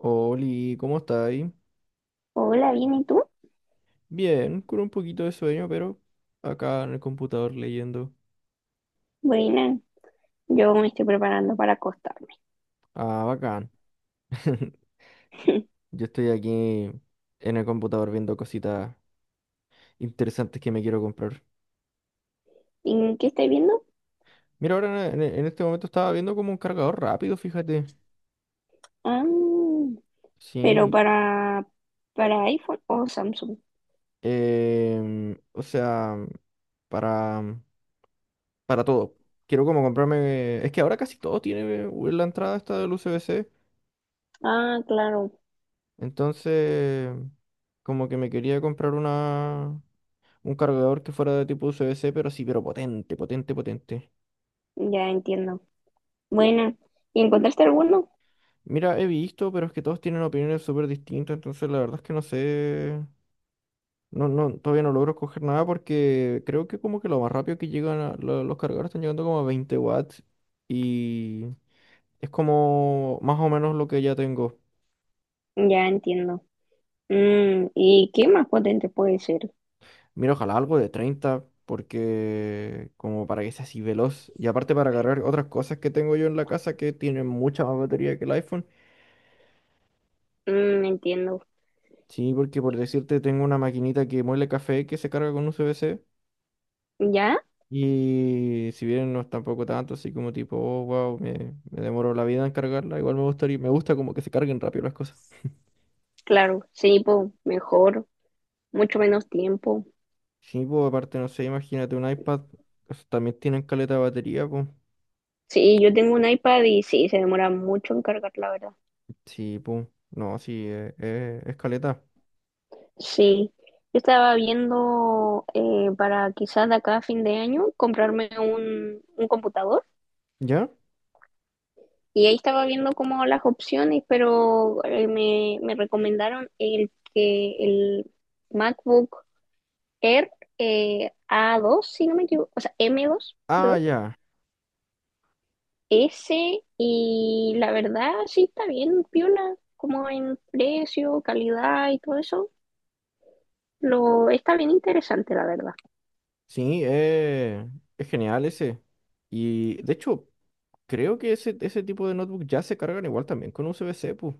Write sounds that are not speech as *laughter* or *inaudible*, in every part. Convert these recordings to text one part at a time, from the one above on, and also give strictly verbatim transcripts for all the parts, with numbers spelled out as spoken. Oli, ¿cómo estáis? Hola, bien, ¿y tú? Bien, con un poquito de sueño, pero acá en el computador leyendo. Buena, yo me estoy preparando para acostarme. Ah, bacán. *laughs* *laughs* Yo estoy aquí en el computador viendo cositas interesantes que me quiero comprar. ¿En qué estoy viendo? Mira, ahora en, en este momento estaba viendo como un cargador rápido, fíjate. Ah, pero Sí. para, para iPhone o Samsung. Em, o sea, para, para todo. Quiero como comprarme... Es que ahora casi todo tiene eh, la entrada esta del U S B-C. Ah, claro, Entonces, como que me quería comprar una... Un cargador que fuera de tipo U S B-C, pero sí, pero potente, potente, potente. ya entiendo. Buena, ¿y encontraste alguno? Mira, he visto, pero es que todos tienen opiniones súper distintas, entonces la verdad es que no sé. No, no, todavía no logro escoger nada porque creo que como que lo más rápido que llegan a- lo- los cargadores están llegando como a veinte watts y es como más o menos lo que ya tengo. Ya entiendo. Mm, ¿y qué más potente puede ser? Mira, ojalá algo de treinta porque como para que sea así veloz y aparte para cargar otras cosas que tengo yo en la casa que tienen mucha más batería que el iPhone. Mm, entiendo. Sí, porque por decirte, tengo una maquinita que muele café que se carga con U S B-C. ¿Ya? Y si bien no es tampoco tanto, así como tipo, oh, wow, me, me demoro la vida en cargarla, igual me gustaría, me gusta como que se carguen rápido las cosas. Claro, sí, po, mejor, mucho menos tiempo. Sí, pues aparte, no sé, imagínate un iPad, esos también tienen caleta de batería, pues. Sí, yo tengo un iPad y sí, se demora mucho en cargar, la verdad. Sí, pues, no, sí, eh, eh, es caleta. Sí, yo estaba viendo eh, para quizás de acá a fin de año comprarme un, un computador ¿Ya? y ahí estaba viendo como las opciones, pero eh, me, me recomendaron el que el MacBook Air eh, a dos si no me equivoco, o sea, m dos Ah, perdón, ya. ese y la verdad sí está bien, piola, como en precio, calidad y todo eso, lo está bien interesante, la verdad. Sí, eh, es genial ese. Y de hecho, creo que ese, ese tipo de notebook ya se cargan igual también con U S B-C, pues.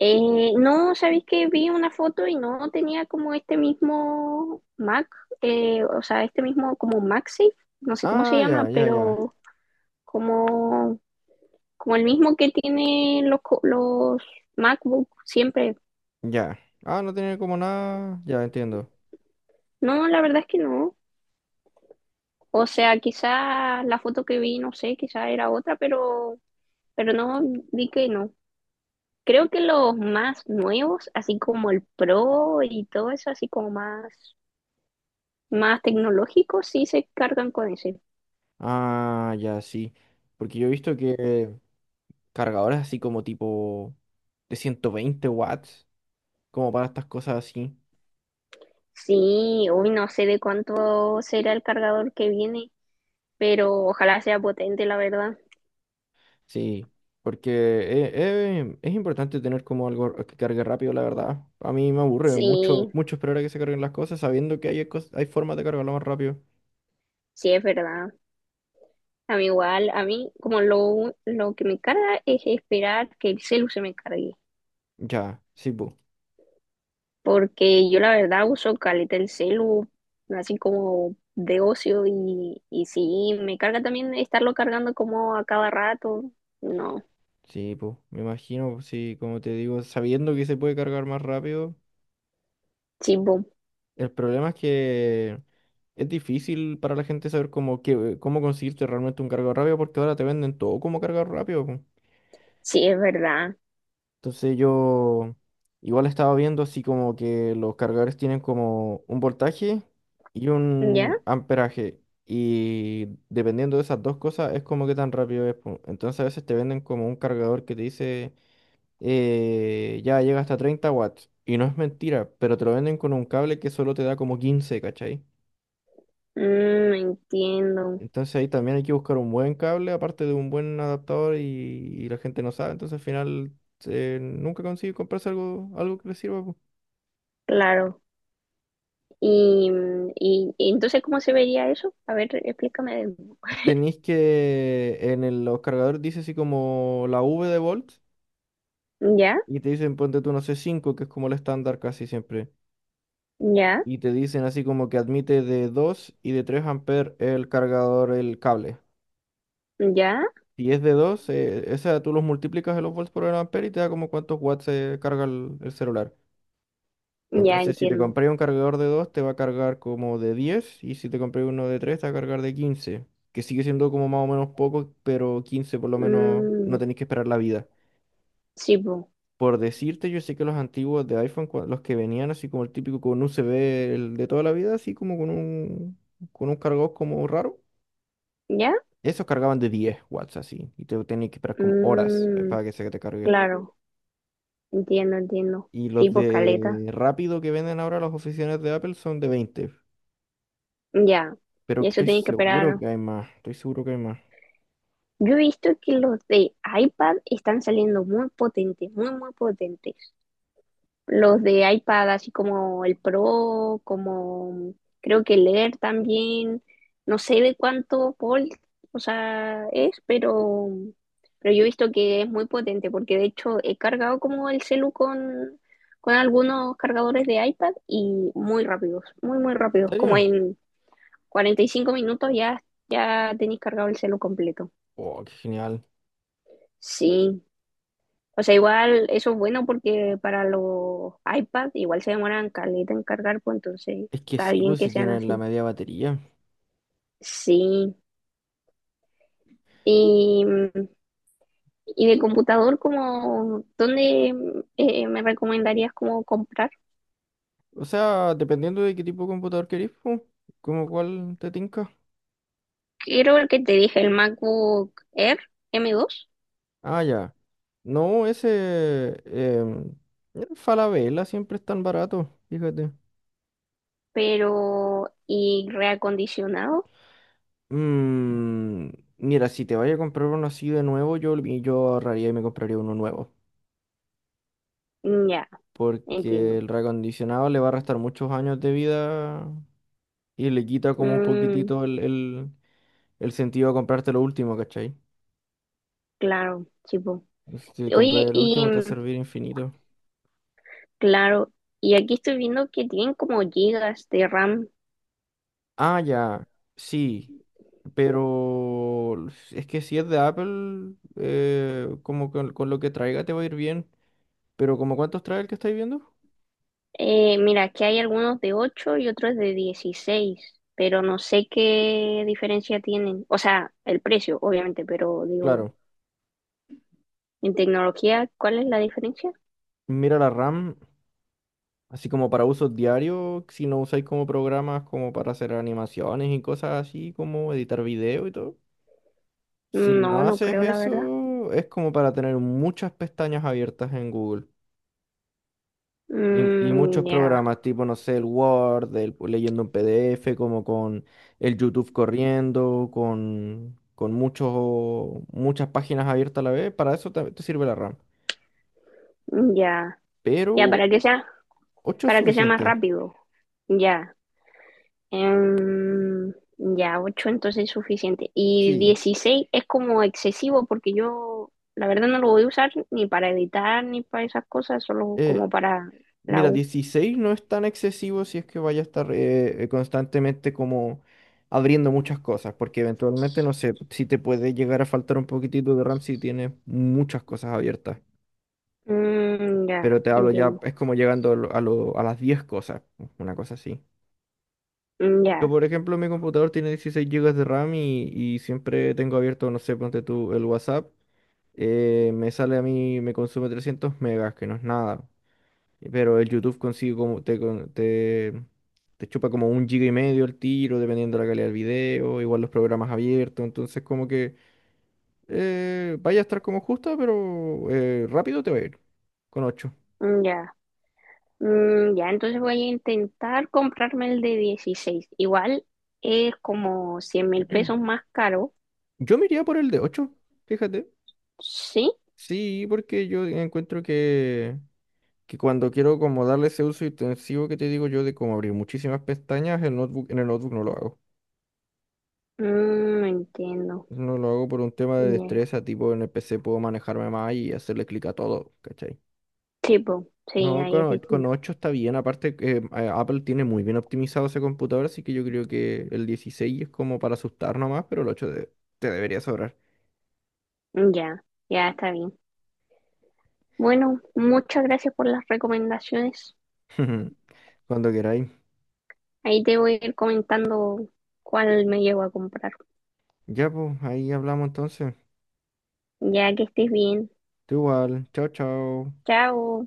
Eh, no, sabéis que vi una foto y no tenía como este mismo Mac, eh, o sea, este mismo como MagSafe, no sé cómo se Ah, llama, ya, ya, ya, pero como, como el mismo que tienen los, co- los MacBook siempre. ya. Ah, no tiene como nada. Ya entiendo. No, la verdad es que no. O sea, quizá la foto que vi, no sé, quizá era otra, pero, pero no, vi que no. Creo que los más nuevos, así como el Pro y todo eso, así como más. Más tecnológicos sí se cargan con eso. Ah, ya, sí. Porque yo he visto que cargadores así como tipo de ciento veinte watts, como para estas cosas así. Sí, hoy no sé de cuánto será el cargador que viene, pero ojalá sea potente, la verdad. Sí, porque eh, eh, es importante tener como algo que cargue rápido, la verdad. A mí me aburre mucho, Sí, mucho esperar a que se carguen las cosas sabiendo que hay, cos- hay formas de cargarlo más rápido. sí es verdad. A mí igual, a mí como lo, lo que me carga es esperar que el celu se me cargue, Ya, sí, pues. porque yo la verdad uso caleta el celu, así como de ocio y, y sí, me carga también estarlo cargando como a cada rato. No, Sí, pues. Me imagino, sí, como te digo, sabiendo que se puede cargar más rápido. sí, boom, El problema es que es difícil para la gente saber cómo, que, cómo conseguirte realmente un cargador rápido porque ahora te venden todo como cargador rápido, po. sí es verdad. Entonces yo igual estaba viendo así como que los cargadores tienen como un voltaje y ¿Ya? un amperaje. Y dependiendo de esas dos cosas es como que tan rápido es, po. Entonces a veces te venden como un cargador que te dice eh, ya llega hasta treinta watts. Y no es mentira, pero te lo venden con un cable que solo te da como quince, ¿cachai? Mm, entiendo, Entonces ahí también hay que buscar un buen cable, aparte de un buen adaptador y, y la gente no sabe, entonces al final eh, nunca consigue comprarse algo, algo que le sirva, po. claro. Y, mm, y, y entonces, ¿cómo se vería eso? A ver, explícame. Tenéis que en el- los cargadores dice así como la V de volts Ya, y te dicen ponte tú no sé cinco que es como el estándar casi siempre. ya, Y te dicen así como que admite de dos y de tres amperes el cargador, el cable. ya, Si es de dos eh, esa tú los multiplicas en los volts por el ampere y te da como cuántos watts se carga el el celular. ya Entonces, si te entiendo. compré un cargador de dos te va a cargar como de diez y si te compré uno de tres te va a cargar de quince que sigue siendo como más o menos poco, pero quince por lo menos no Mm, tenéis que esperar la vida. sí, pues, Por decirte, yo sé que los antiguos de iPhone, cua- los que venían así como el típico con U S B el de toda la vida, así como con un, con un cargador como raro, ya. esos cargaban de diez watts así, y te tenías que esperar como horas eh, Mm, para que se te cargue. claro, entiendo, entiendo. Y Sí, los pues, caleta. de rápido que venden ahora las oficinas de Apple son de veinte. Ya. Pero Y que eso estoy tiene que seguro esperar. que hay más. Estoy seguro que hay más. Yo he visto que los de iPad están saliendo muy potentes, muy, muy potentes. Los de iPad, así como el Pro, como creo que el Air también. No sé de cuánto volt, o sea, es, pero, pero yo he visto que es muy potente, porque de hecho he cargado como el celu con, con algunos cargadores de iPad y muy rápidos, muy, muy rápidos. ¿En Como serio? en cuarenta y cinco minutos ya, ya tenéis cargado el celu completo. Oh, qué genial. Sí, o sea, igual eso es bueno porque para los iPad igual se demoran caleta en cargar, pues entonces Es que está sí, bien pues que si sean tienen la así. media batería. Sí. Y, y de computador, como, ¿dónde eh, me recomendarías como comprar? O sea, dependiendo de qué tipo de computador querés, pues, como cuál te tinca. Quiero el que te dije, el MacBook Air M dos, Ah, ya. No, ese. Em, el Falabella siempre es tan barato, fíjate. pero y reacondicionado. Mm, mira, si te vaya a comprar uno así de nuevo, yo, yo ahorraría y me compraría uno nuevo. Mm, ya, Porque entiendo. el reacondicionado le va a restar muchos años de vida y le quita como un Mm, poquitito el, el, el sentido a comprarte lo último, ¿cachai? claro, tipo. Si Oye, compras el y último te va a servir infinito. claro, y aquí estoy viendo que tienen como gigas de RAM. Ah, ya, sí, pero es que si es de Apple, eh, como con, con lo que traiga te va a ir bien, pero ¿como cuántos trae el que estáis viendo? Eh, mira, que hay algunos de ocho y otros de dieciséis, pero no sé qué diferencia tienen. O sea, el precio, obviamente, pero digo, Claro, en tecnología, ¿cuál es la diferencia? mira la RAM, así como para uso diario, si no usáis como programas como para hacer animaciones y cosas así, como editar video y todo. Si No, no no haces creo, la verdad. eso, es como para tener muchas pestañas abiertas en Google. Y, y muchos Mm, ya, programas, tipo, no sé, el Word, el, leyendo un P D F, como con el YouTube corriendo, con, con muchos, muchas páginas abiertas a la vez. Para eso te, te sirve la RAM. ya, ya, para Pero que sea, ocho es para que sea más suficiente. rápido. Ya. Em, ya, ocho entonces es suficiente. Y Sí. dieciséis es como excesivo porque yo la verdad no lo voy a usar ni para editar ni para esas cosas, solo Eh, como para la mira, U. dieciséis no es tan excesivo si es que vaya a estar eh, constantemente como abriendo muchas cosas, porque eventualmente, no sé, si te puede llegar a faltar un poquitito de RAM si tienes muchas cosas abiertas, Mm, ya, pero te hablo ya, entiendo. es como llegando a, lo- a lo- a las diez cosas, una cosa así. Mm, Yo, ya, por ejemplo, mi computador tiene dieciséis gigas de RAM y, y siempre tengo abierto, no sé, ponte tú el WhatsApp, eh, me sale a mí, me consume trescientos megas, que no es nada. Pero el YouTube consigue como te, con- te, te chupa como un giga y medio el tiro, dependiendo de la calidad del video, igual los programas abiertos, entonces como que eh, vaya a estar como justa, pero eh, rápido te va a ir con ocho. mm, ya. Mm, ya, entonces voy a intentar comprarme el de dieciséis. Igual es como cien mil pesos más caro, Yo me iría por el de ocho, fíjate. ¿sí? Sí, porque yo encuentro que, que cuando quiero como darle ese uso intensivo que te digo yo de como abrir muchísimas pestañas, el notebook, en el notebook no lo hago. Mm, entiendo. No lo hago por un tema de Ya. destreza, tipo en el P C puedo manejarme más y hacerle clic a todo, ¿cachai? Sí, po, sí, No, ahí es con, con distinto. ocho está bien. Aparte, que, em, eh, a- Apple tiene muy bien optimizado ese computador, así que yo creo que el dieciséis es como para asustar nomás, pero el ocho de- te debería sobrar. Ya, ya está bien. Bueno, muchas gracias por las recomendaciones. *laughs* Cuando queráis. Ahí te voy a ir comentando cuál me llevo a comprar. Ya, pues, ahí hablamos entonces. Ya que estés bien. Tú igual. Chao, chao. Chao.